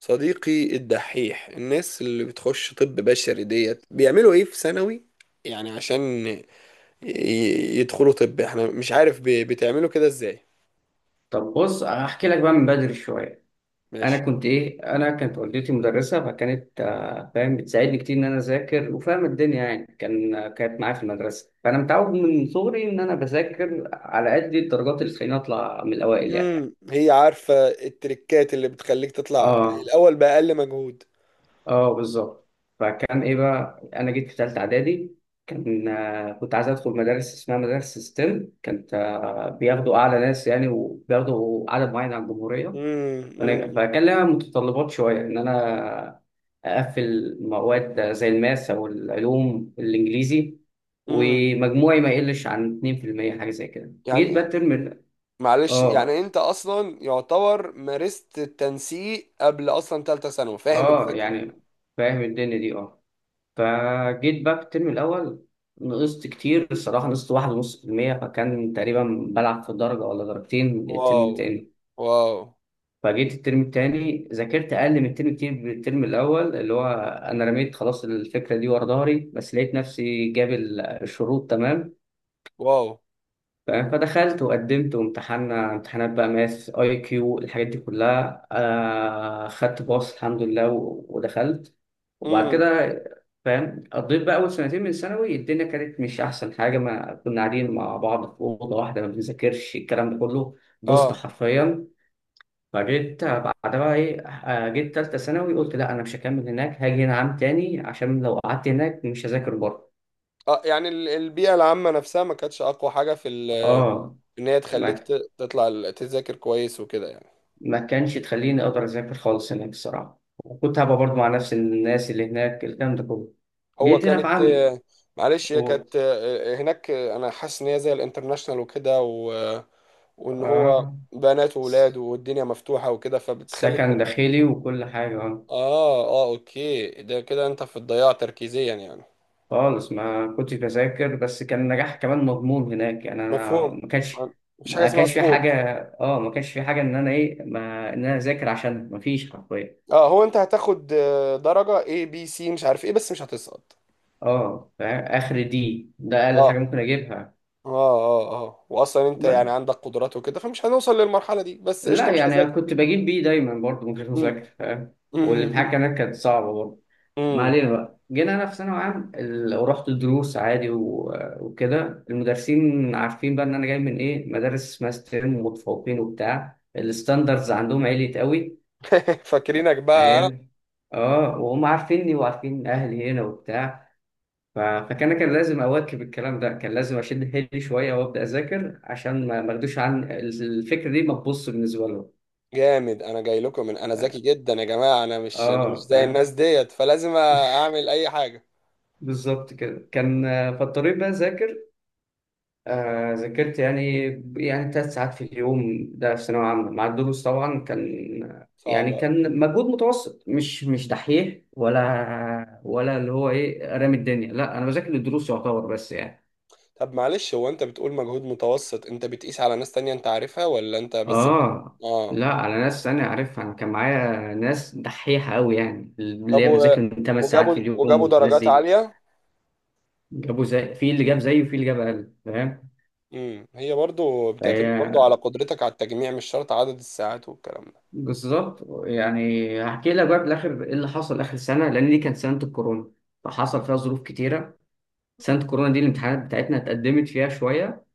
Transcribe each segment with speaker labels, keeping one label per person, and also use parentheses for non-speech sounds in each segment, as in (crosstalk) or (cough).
Speaker 1: صديقي الدحيح، الناس اللي بتخش طب بشري ديت بيعملوا ايه في ثانوي؟ يعني عشان يدخلوا طب، احنا مش عارف بتعملوا كده ازاي؟
Speaker 2: طب بص، هحكي لك بقى من بدري شويه.
Speaker 1: ماشي.
Speaker 2: انا كنت ايه انا كانت والدتي مدرسه، فكانت فاهم، بتساعدني كتير ان انا اذاكر، وفاهم الدنيا يعني. كانت معايا في المدرسه، فانا متعود من صغري ان انا بذاكر على قد الدرجات اللي تخليني اطلع من الاوائل يعني.
Speaker 1: هي عارفة التريكات اللي بتخليك تطلع
Speaker 2: اه،
Speaker 1: الاول بأقل مجهود؟
Speaker 2: اه، بالظبط. فكان ايه بقى؟ انا جيت في ثالثه اعدادي، كان آه، كنت عايز ادخل مدارس اسمها مدارس ستيم. كانت آه، بياخدوا اعلى ناس يعني، وبياخدوا عدد معين على الجمهوريه.
Speaker 1: امم امم
Speaker 2: فكان لها متطلبات شوية، إن أنا أقفل مواد زي الماس أو العلوم الإنجليزي،
Speaker 1: امم.
Speaker 2: ومجموعي ما يقلش عن 2%، حاجة زي كده. جيت
Speaker 1: يعني
Speaker 2: بقى الترم
Speaker 1: معلش،
Speaker 2: آه،
Speaker 1: يعني انت اصلا يعتبر مارست التنسيق قبل اصلا تالتة ثانوي، فاهم
Speaker 2: آه،
Speaker 1: الفكرة؟
Speaker 2: يعني فاهم الدنيا دي، آه. فجيت بقى في الترم الأول، نقصت كتير الصراحة، نقصت 1.5%، فكان تقريبا بلعب في درجة ولا درجتين الترم
Speaker 1: واو
Speaker 2: التاني.
Speaker 1: واو
Speaker 2: فجيت الترم التاني، ذاكرت اقل من الترم، كتير من الترم الاول، اللي هو انا رميت خلاص الفكره دي ورا ظهري، بس لقيت نفسي جاب الشروط تمام،
Speaker 1: واو.
Speaker 2: فاهم؟ فدخلت وقدمت وامتحنا امتحانات بقى، ماس، اي كيو، الحاجات دي كلها. آه، خدت باص الحمد لله، ودخلت. وبعد
Speaker 1: امم.
Speaker 2: كده، فاهم، قضيت بقى اول سنتين من ثانوي، الدنيا كانت مش احسن حاجه. ما كنا قاعدين مع بعض في اوضه واحده، ما بنذاكرش، الكلام ده كله بوست
Speaker 1: اه
Speaker 2: حرفيا. فجيت بعدها بقى ايه، جيت تالتة ثانوي، قلت لا، انا مش هكمل هناك، هاجي هنا عام تاني، عشان لو قعدت هناك مش هذاكر بره.
Speaker 1: اه. يعني البيئة العامة نفسها ما كانتش أقوى حاجة
Speaker 2: اه،
Speaker 1: إن هي تخليك
Speaker 2: ما
Speaker 1: تطلع تذاكر كويس وكده يعني.
Speaker 2: ما كانش تخليني اقدر اذاكر خالص هناك الصراحة، وكنت هبقى برضه مع نفس الناس اللي هناك، الكلام ده كله.
Speaker 1: هو
Speaker 2: جيت هنا في
Speaker 1: كانت
Speaker 2: عام
Speaker 1: آه، معلش، هي
Speaker 2: و...
Speaker 1: كانت هناك أنا حاسس إن هي زي الانترناشنال وكده وإن هو
Speaker 2: اه،
Speaker 1: بنات وولاد والدنيا مفتوحة وكده فبتخلي.
Speaker 2: سكن داخلي وكل حاجة، اه.
Speaker 1: آه آه أوكي، ده كده أنت في الضياع تركيزيا يعني.
Speaker 2: خالص ما كنتش بذاكر، بس كان النجاح كمان مضمون هناك يعني، انا
Speaker 1: مفهوم.
Speaker 2: ما كانش.
Speaker 1: مفيش حاجة
Speaker 2: ما
Speaker 1: اسمها
Speaker 2: كانش في حاجه
Speaker 1: سقوط؟
Speaker 2: اه ما كانش في حاجه ان انا ايه، ما ان انا اذاكر عشان ما فيش حرفيا.
Speaker 1: اه، هو أنت هتاخد درجة A B C مش عارف إيه بس مش هتسقط.
Speaker 2: اه فاهم؟ اخر ده اقل حاجه
Speaker 1: اه
Speaker 2: ممكن اجيبها.
Speaker 1: اه اه اه، واصلا انت يعني
Speaker 2: بس
Speaker 1: عندك قدرات وكده فمش هنوصل للمرحله دي، بس
Speaker 2: لا
Speaker 1: قشطه مش
Speaker 2: يعني،
Speaker 1: هذاكر.
Speaker 2: كنت بجيب بي دايما برضه من غير
Speaker 1: أمم.
Speaker 2: مذاكره فاهم؟ والامتحان
Speaker 1: أمم.
Speaker 2: كمان كانت صعبه برضه. ما
Speaker 1: أمم.
Speaker 2: علينا بقى، جينا انا في ثانوي عام ورحت الدروس عادي وكده، المدرسين عارفين بقى ان انا جاي من ايه، مدارس اسمها ستيم، ومتفوقين وبتاع، الستاندرز عندهم عالية قوي،
Speaker 1: (laughs) فاكرينك بقى.
Speaker 2: فاهم؟ اه، وهم عارفيني وعارفين اهلي هنا وبتاع. فكان لازم اواكب الكلام ده، كان لازم اشد حيلي شويه وابدا اذاكر، عشان ما اخدوش عن الفكره دي، ما تبص بالنسبه لهم.
Speaker 1: جامد. انا جاي لكم من انا ذكي جدا يا جماعه، انا مش
Speaker 2: اه
Speaker 1: زي الناس
Speaker 2: فاهم،
Speaker 1: ديت فلازم اعمل اي حاجه.
Speaker 2: بالظبط كده كان. فاضطريت بقى اذاكر، آه، ذاكرت يعني، يعني 3 ساعات في اليوم، ده في ثانوية عامة مع الدروس طبعا، كان يعني
Speaker 1: صعبه.
Speaker 2: كان مجهود متوسط، مش دحيح، ولا اللي هو ايه، رامي الدنيا، لا، انا بذاكر الدروس يعتبر بس يعني.
Speaker 1: طب معلش، هو انت بتقول مجهود متوسط، انت بتقيس على ناس تانية انت عارفها ولا انت بس
Speaker 2: اه،
Speaker 1: اه.
Speaker 2: لا، انا ناس انا عارفها، انا كان معايا ناس دحيحة قوي، يعني
Speaker 1: طب
Speaker 2: اللي هي بتذاكر من 8 ساعات
Speaker 1: وجابوا
Speaker 2: في اليوم،
Speaker 1: وجابوا
Speaker 2: والناس
Speaker 1: درجات
Speaker 2: دي
Speaker 1: عاليه؟
Speaker 2: جابوا، زي في اللي جاب زيه، وفي اللي جاب اقل، فاهم؟
Speaker 1: هي برضو بتعتمد برضو
Speaker 2: فهي،
Speaker 1: على قدرتك على التجميع، مش شرط عدد الساعات والكلام
Speaker 2: بالظبط يعني. هحكي لك بقى بالاخر ايه اللي حصل اخر سنه، لان دي كانت سنه الكورونا، فحصل فيها ظروف كتيره. سنه الكورونا دي الامتحانات بتاعتنا اتقدمت فيها شويه،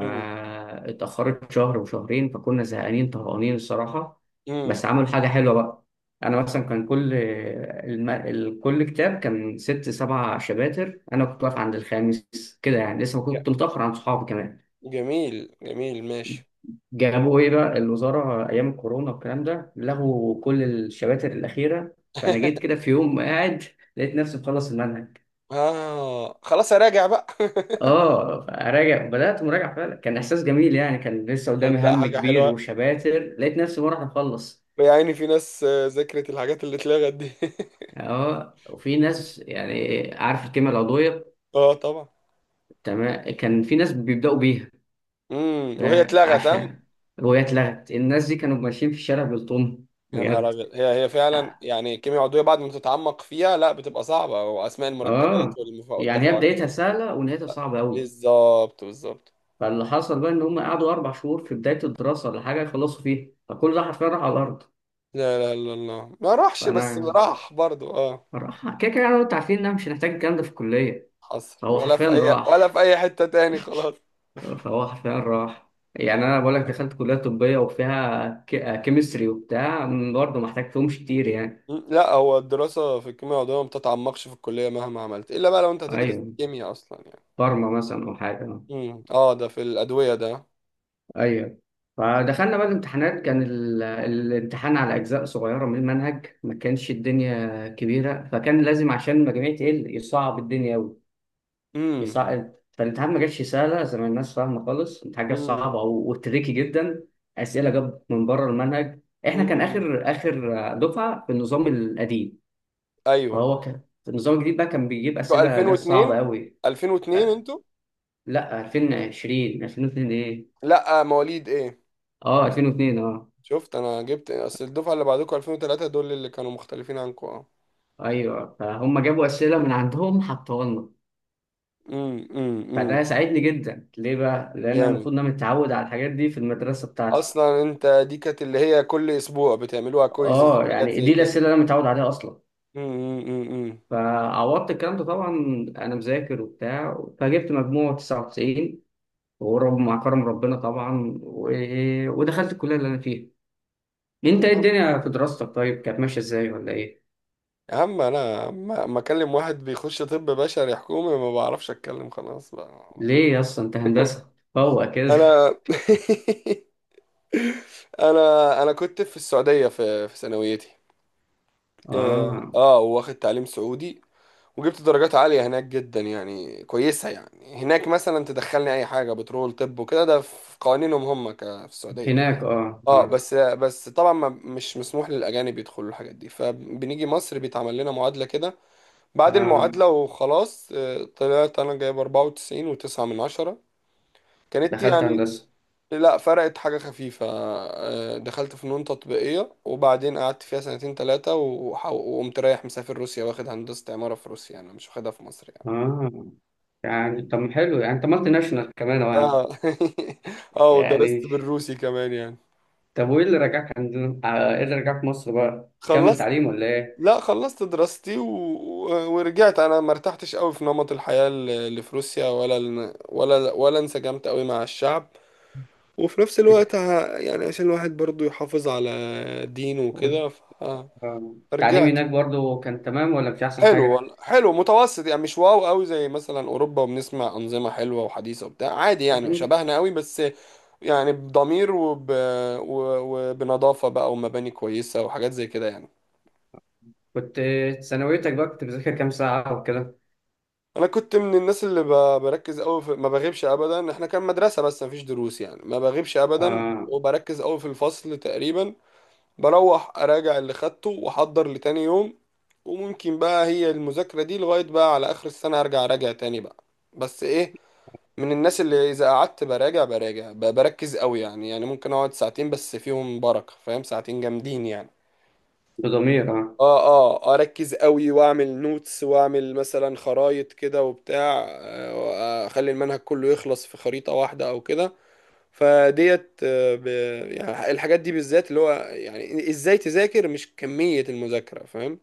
Speaker 1: ده.
Speaker 2: شهر وشهرين، فكنا زهقانين، طهقانين الصراحه.
Speaker 1: امم.
Speaker 2: بس عملوا حاجه حلوه بقى. انا مثلا، كان كل كل كتاب كان ست سبع شباتر، انا كنت واقف عند الخامس كده يعني، لسه ما كنت متاخر عن صحابي كمان.
Speaker 1: جميل جميل، ماشي.
Speaker 2: جابوا ايه بقى الوزاره ايام الكورونا والكلام ده؟ لغوا كل الشباتر الاخيره. فانا جيت كده
Speaker 1: (laughs)
Speaker 2: في يوم قاعد، لقيت نفسي مخلص المنهج.
Speaker 1: اه، خلاص اراجع بقى. (laughs)
Speaker 2: اه، فراجع، بدات مراجعه فعلا، كان احساس جميل يعني، كان لسه قدامي
Speaker 1: صدق
Speaker 2: هم
Speaker 1: حاجة
Speaker 2: كبير
Speaker 1: حلوة.
Speaker 2: وشباتر، لقيت نفسي بروح اخلص.
Speaker 1: يعني في ناس ذاكرت الحاجات اللي اتلغت دي؟ (laughs)
Speaker 2: اه، وفي ناس يعني، عارف الكلمه العضويه؟
Speaker 1: اه طبعا.
Speaker 2: تمام، كان في ناس بيبداوا بيها،
Speaker 1: وهي اتلغت ها؟
Speaker 2: فعشان وهي اتلغت، الناس دي كانوا ماشيين في الشارع بالطن،
Speaker 1: يا نهار
Speaker 2: بجد.
Speaker 1: ابيض، هي فعلا
Speaker 2: اه،
Speaker 1: يعني كيمياء عضوية بعد ما تتعمق فيها لا بتبقى صعبة، واسماء المركبات
Speaker 2: آه، يعني هي
Speaker 1: والتفاعلات.
Speaker 2: بدايتها سهله ونهايتها صعبه قوي.
Speaker 1: بالظبط بالظبط.
Speaker 2: فاللي حصل بقى، ان هم قعدوا 4 شهور في بدايه الدراسه ولا حاجه يخلصوا فيها، فكل ده حرفيا راح على الارض.
Speaker 1: لا لا لا، الله ما راحش، بس
Speaker 2: فانا
Speaker 1: راح برضو اه.
Speaker 2: راح كده كده، انا وانت عارفين ان انا مش هنحتاج الكلام ده في الكليه.
Speaker 1: حصل
Speaker 2: فهو
Speaker 1: ولا
Speaker 2: حرفيا
Speaker 1: في اي ولا
Speaker 2: راح
Speaker 1: في اي حتة تاني، خلاص.
Speaker 2: فهو حرفيا راح. يعني انا بقول لك، دخلت كليه طبيه وفيها كيمستري وبتاع، برضه ما احتاجتهمش كتير يعني.
Speaker 1: مم. لا، هو الدراسة في الكيمياء العضوية ما بتتعمقش في الكلية مهما عملت، إلا بقى لو أنت هتدرس
Speaker 2: ايوه،
Speaker 1: كيمياء أصلا يعني.
Speaker 2: فارما مثلا او حاجه،
Speaker 1: اه، ده في الأدوية ده.
Speaker 2: ايوه. فدخلنا بقى الامتحانات، كان الامتحان على اجزاء صغيره من المنهج، ما كانش الدنيا كبيره، فكان لازم عشان المجاميع تقل يصعب الدنيا،
Speaker 1: امم
Speaker 2: يصعد. فالامتحان ما جاتش سهله زي ما الناس فاهمه خالص، الامتحان جات
Speaker 1: امم
Speaker 2: صعبه وتريكي جدا. اسئله جاب من بره المنهج، احنا كان
Speaker 1: امم.
Speaker 2: اخر اخر دفعه في النظام القديم،
Speaker 1: أيوه.
Speaker 2: فهو كان في النظام الجديد بقى، كان بيجيب
Speaker 1: أنتوا
Speaker 2: اسئله اللي هي صعبه
Speaker 1: 2002؟
Speaker 2: قوي.
Speaker 1: 2002 أنتوا؟
Speaker 2: لا، 2020، 2002 ايه؟
Speaker 1: لا، مواليد إيه؟
Speaker 2: اه، 2002، اه،
Speaker 1: شفت؟ أنا جبت أصل الدفعة اللي بعدكم 2003، دول اللي كانوا مختلفين عنكم، اه.
Speaker 2: ايوه. فهم جابوا اسئله من عندهم حطوها لنا.
Speaker 1: امم.
Speaker 2: فده ساعدني جدا ليه بقى؟ لان انا
Speaker 1: جامد.
Speaker 2: المفروض ان انا متعود على الحاجات دي في المدرسه بتاعتي.
Speaker 1: أصلا أنت دي كانت اللي هي كل أسبوع بتعملوها كويزز
Speaker 2: اه
Speaker 1: وحاجات
Speaker 2: يعني،
Speaker 1: زي
Speaker 2: دي
Speaker 1: كده؟
Speaker 2: الاسئله اللي انا متعود عليها اصلا.
Speaker 1: امم.
Speaker 2: فعوضت الكلام ده طبعا، انا مذاكر وبتاع، فجبت مجموع 99، ورب مع كرم ربنا طبعا. ودخلت الكليه اللي انا فيها. انت ايه الدنيا في دراستك طيب؟ كانت ماشيه ازاي ولا ايه؟
Speaker 1: يا عم، انا ما اكلم واحد بيخش طب بشري حكومي، ما بعرفش اتكلم خلاص بقى.
Speaker 2: ليه يا اسطى، انت هندسه هو كده؟
Speaker 1: انا. (laughs) انا كنت في السعودية في ثانويتي.
Speaker 2: (laughs)
Speaker 1: اه
Speaker 2: اه،
Speaker 1: واخد تعليم سعودي. وجبت درجات عالية هناك جدا يعني كويسة، يعني هناك مثلا تدخلني اي حاجة بترول طب وكده، ده في قوانينهم هم في السعودية.
Speaker 2: هناك، اه،
Speaker 1: اه
Speaker 2: اه،
Speaker 1: بس بس، طبعا ما مش مسموح للاجانب يدخلوا الحاجات دي، فبنيجي مصر بيتعمل لنا معادلة كده. بعد
Speaker 2: اه،
Speaker 1: المعادلة وخلاص طلعت أنا جايب 94.9 من 10. كانت
Speaker 2: دخلت
Speaker 1: يعني.
Speaker 2: هندسه.
Speaker 1: لا فرقت حاجة خفيفة دخلت فنون تطبيقية، وبعدين قعدت فيها سنتين تلاتة وقمت رايح مسافر روسيا، واخد هندسة عمارة في روسيا، أنا مش واخدها في مصر يعني.
Speaker 2: اه يعني، طب حلو يعني، انت مالتي ناشونال كمان أهو يعني.
Speaker 1: اه. (laughs) اه ودرست
Speaker 2: يعني،
Speaker 1: بالروسي كمان يعني.
Speaker 2: طب وايه اللي رجعك عندنا، ايه اللي رجعك مصر بقى؟ كمل
Speaker 1: خلصت.
Speaker 2: تعليم ولا
Speaker 1: لا خلصت دراستي ورجعت، انا ما ارتحتش قوي في نمط الحياة اللي في روسيا، ولا انسجمت قوي مع الشعب. وفي نفس الوقت يعني عشان الواحد برضو يحافظ على دينه
Speaker 2: ايه؟
Speaker 1: وكده.
Speaker 2: التعليم
Speaker 1: فرجعت.
Speaker 2: هناك برضو كان تمام ولا مش أحسن
Speaker 1: حلو
Speaker 2: حاجة؟
Speaker 1: والله، حلو متوسط يعني، مش واو قوي زي مثلا اوروبا، وبنسمع انظمه حلوه وحديثه وبتاع، عادي يعني
Speaker 2: يعني
Speaker 1: شبهنا قوي بس. يعني بضمير وبنظافه بقى، ومباني كويسه وحاجات زي كده يعني.
Speaker 2: كنت، ثانويتك بقى كنت بتذاكر كام ساعة وكده؟
Speaker 1: انا كنت من الناس اللي بركز قوي ما بغيبش ابدا، احنا كان مدرسه بس ما فيش دروس يعني، ما بغيبش ابدا
Speaker 2: آه،
Speaker 1: وبركز قوي في الفصل تقريبا. بروح اراجع اللي خدته واحضر لتاني يوم، وممكن بقى هي المذاكرة دي لغاية بقى على اخر السنة، ارجع اراجع تاني بقى. بس ايه، من الناس اللي اذا قعدت براجع بركز قوي يعني، يعني ممكن اقعد ساعتين بس فيهم بركة، فاهم؟ ساعتين جامدين يعني.
Speaker 2: بضمير، آه،
Speaker 1: اه اه، اركز قوي واعمل نوتس، واعمل مثلا خرايط كده وبتاع اخلي المنهج كله يخلص في خريطة واحدة او كده. فديت آه، ب... يعني الحاجات دي بالذات، اللي هو يعني ازاي تذاكر مش كمية المذاكرة، فاهم؟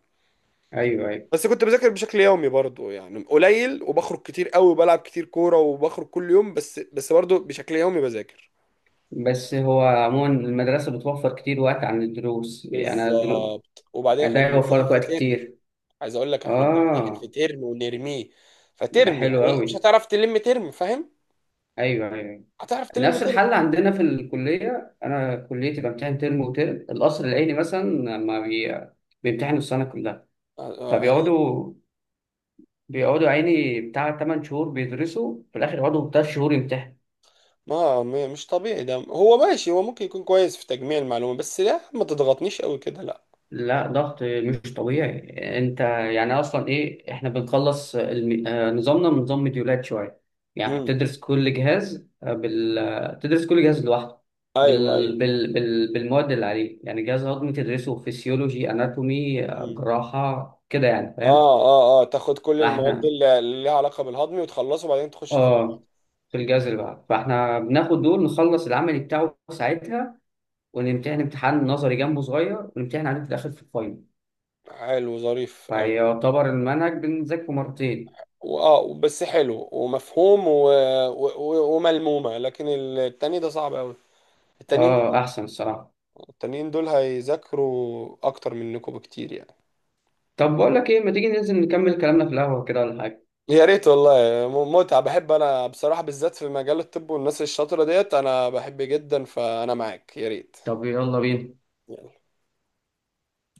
Speaker 2: أيوه، أيوه.
Speaker 1: بس كنت بذاكر بشكل يومي برضو يعني، قليل، وبخرج كتير قوي وبلعب كتير كورة وبخرج كل يوم، بس بس برضو بشكل يومي بذاكر.
Speaker 2: بس هو عموما، المدرسة بتوفر كتير وقت عن الدروس يعني،
Speaker 1: بالظبط، وبعدين
Speaker 2: ده
Speaker 1: احنا
Speaker 2: يوفر
Speaker 1: بنمتحن
Speaker 2: لك
Speaker 1: في
Speaker 2: وقت
Speaker 1: ترم.
Speaker 2: كتير،
Speaker 1: عايز اقول لك، احنا بنمتحن
Speaker 2: آه.
Speaker 1: في ترم ونرميه،
Speaker 2: ده
Speaker 1: فترم
Speaker 2: حلو
Speaker 1: يعني مش
Speaker 2: أوي،
Speaker 1: هتعرف تلم ترم، فاهم؟
Speaker 2: أيوه، أيوه.
Speaker 1: هتعرف تلم
Speaker 2: نفس الحل عندنا في الكلية، أنا كليتي بمتحن ترم وترم. القصر العيني مثلا، ما بي... بيمتحنوا السنة كلها،
Speaker 1: ترم.
Speaker 2: فبيقعدوا، بيقعدوا عيني بتاع 8 شهور بيدرسوا، في الاخر يقعدوا 3 شهور يمتحنوا.
Speaker 1: مش طبيعي ده، هو ماشي، هو ممكن يكون كويس في تجميع المعلومات، بس لا ما تضغطنيش قوي كده لا.
Speaker 2: لا، ضغط مش طبيعي. انت يعني، اصلا ايه؟ احنا بنخلص الم... آه، نظامنا من نظام مديولات شويه، يعني
Speaker 1: امم.
Speaker 2: بتدرس كل جهاز، آه، بال... آه، تدرس كل جهاز لوحده
Speaker 1: ايوه ايوه.
Speaker 2: بالمواد اللي عليه، يعني جهاز هضمي تدرسه فيسيولوجي، اناتومي،
Speaker 1: امم.
Speaker 2: جراحه كده يعني فاهم؟
Speaker 1: اه اه اه، تاخد كل المواد
Speaker 2: فاحنا
Speaker 1: اللي ليها علاقه بالهضم وتخلصه، وبعدين تخش في اللي
Speaker 2: اه في الجهاز اللي بعده فاحنا بناخد دول، نخلص العمل بتاعه ساعتها، ونمتحن امتحان نظري جنبه صغير، ونمتحن عليه في الآخر في الفاينل،
Speaker 1: بعده. حلو ظريف قوي.
Speaker 2: فيعتبر المنهج بنذاكره مرتين.
Speaker 1: واه، بس حلو ومفهوم وملمومه، لكن التاني ده صعب قوي. التانيين دول
Speaker 2: اه أحسن الصراحة.
Speaker 1: التانيين دول هيذاكروا اكتر منكم بكتير يعني.
Speaker 2: طب بقول لك إيه، ما تيجي ننزل نكمل كلامنا في القهوة كده ولا حاجة؟
Speaker 1: يا ريت والله. متعة، بحب انا بصراحة بالذات في مجال الطب والناس الشاطرة ديت انا بحب جدا، فانا معاك يا ريت.
Speaker 2: طب يلا بينا.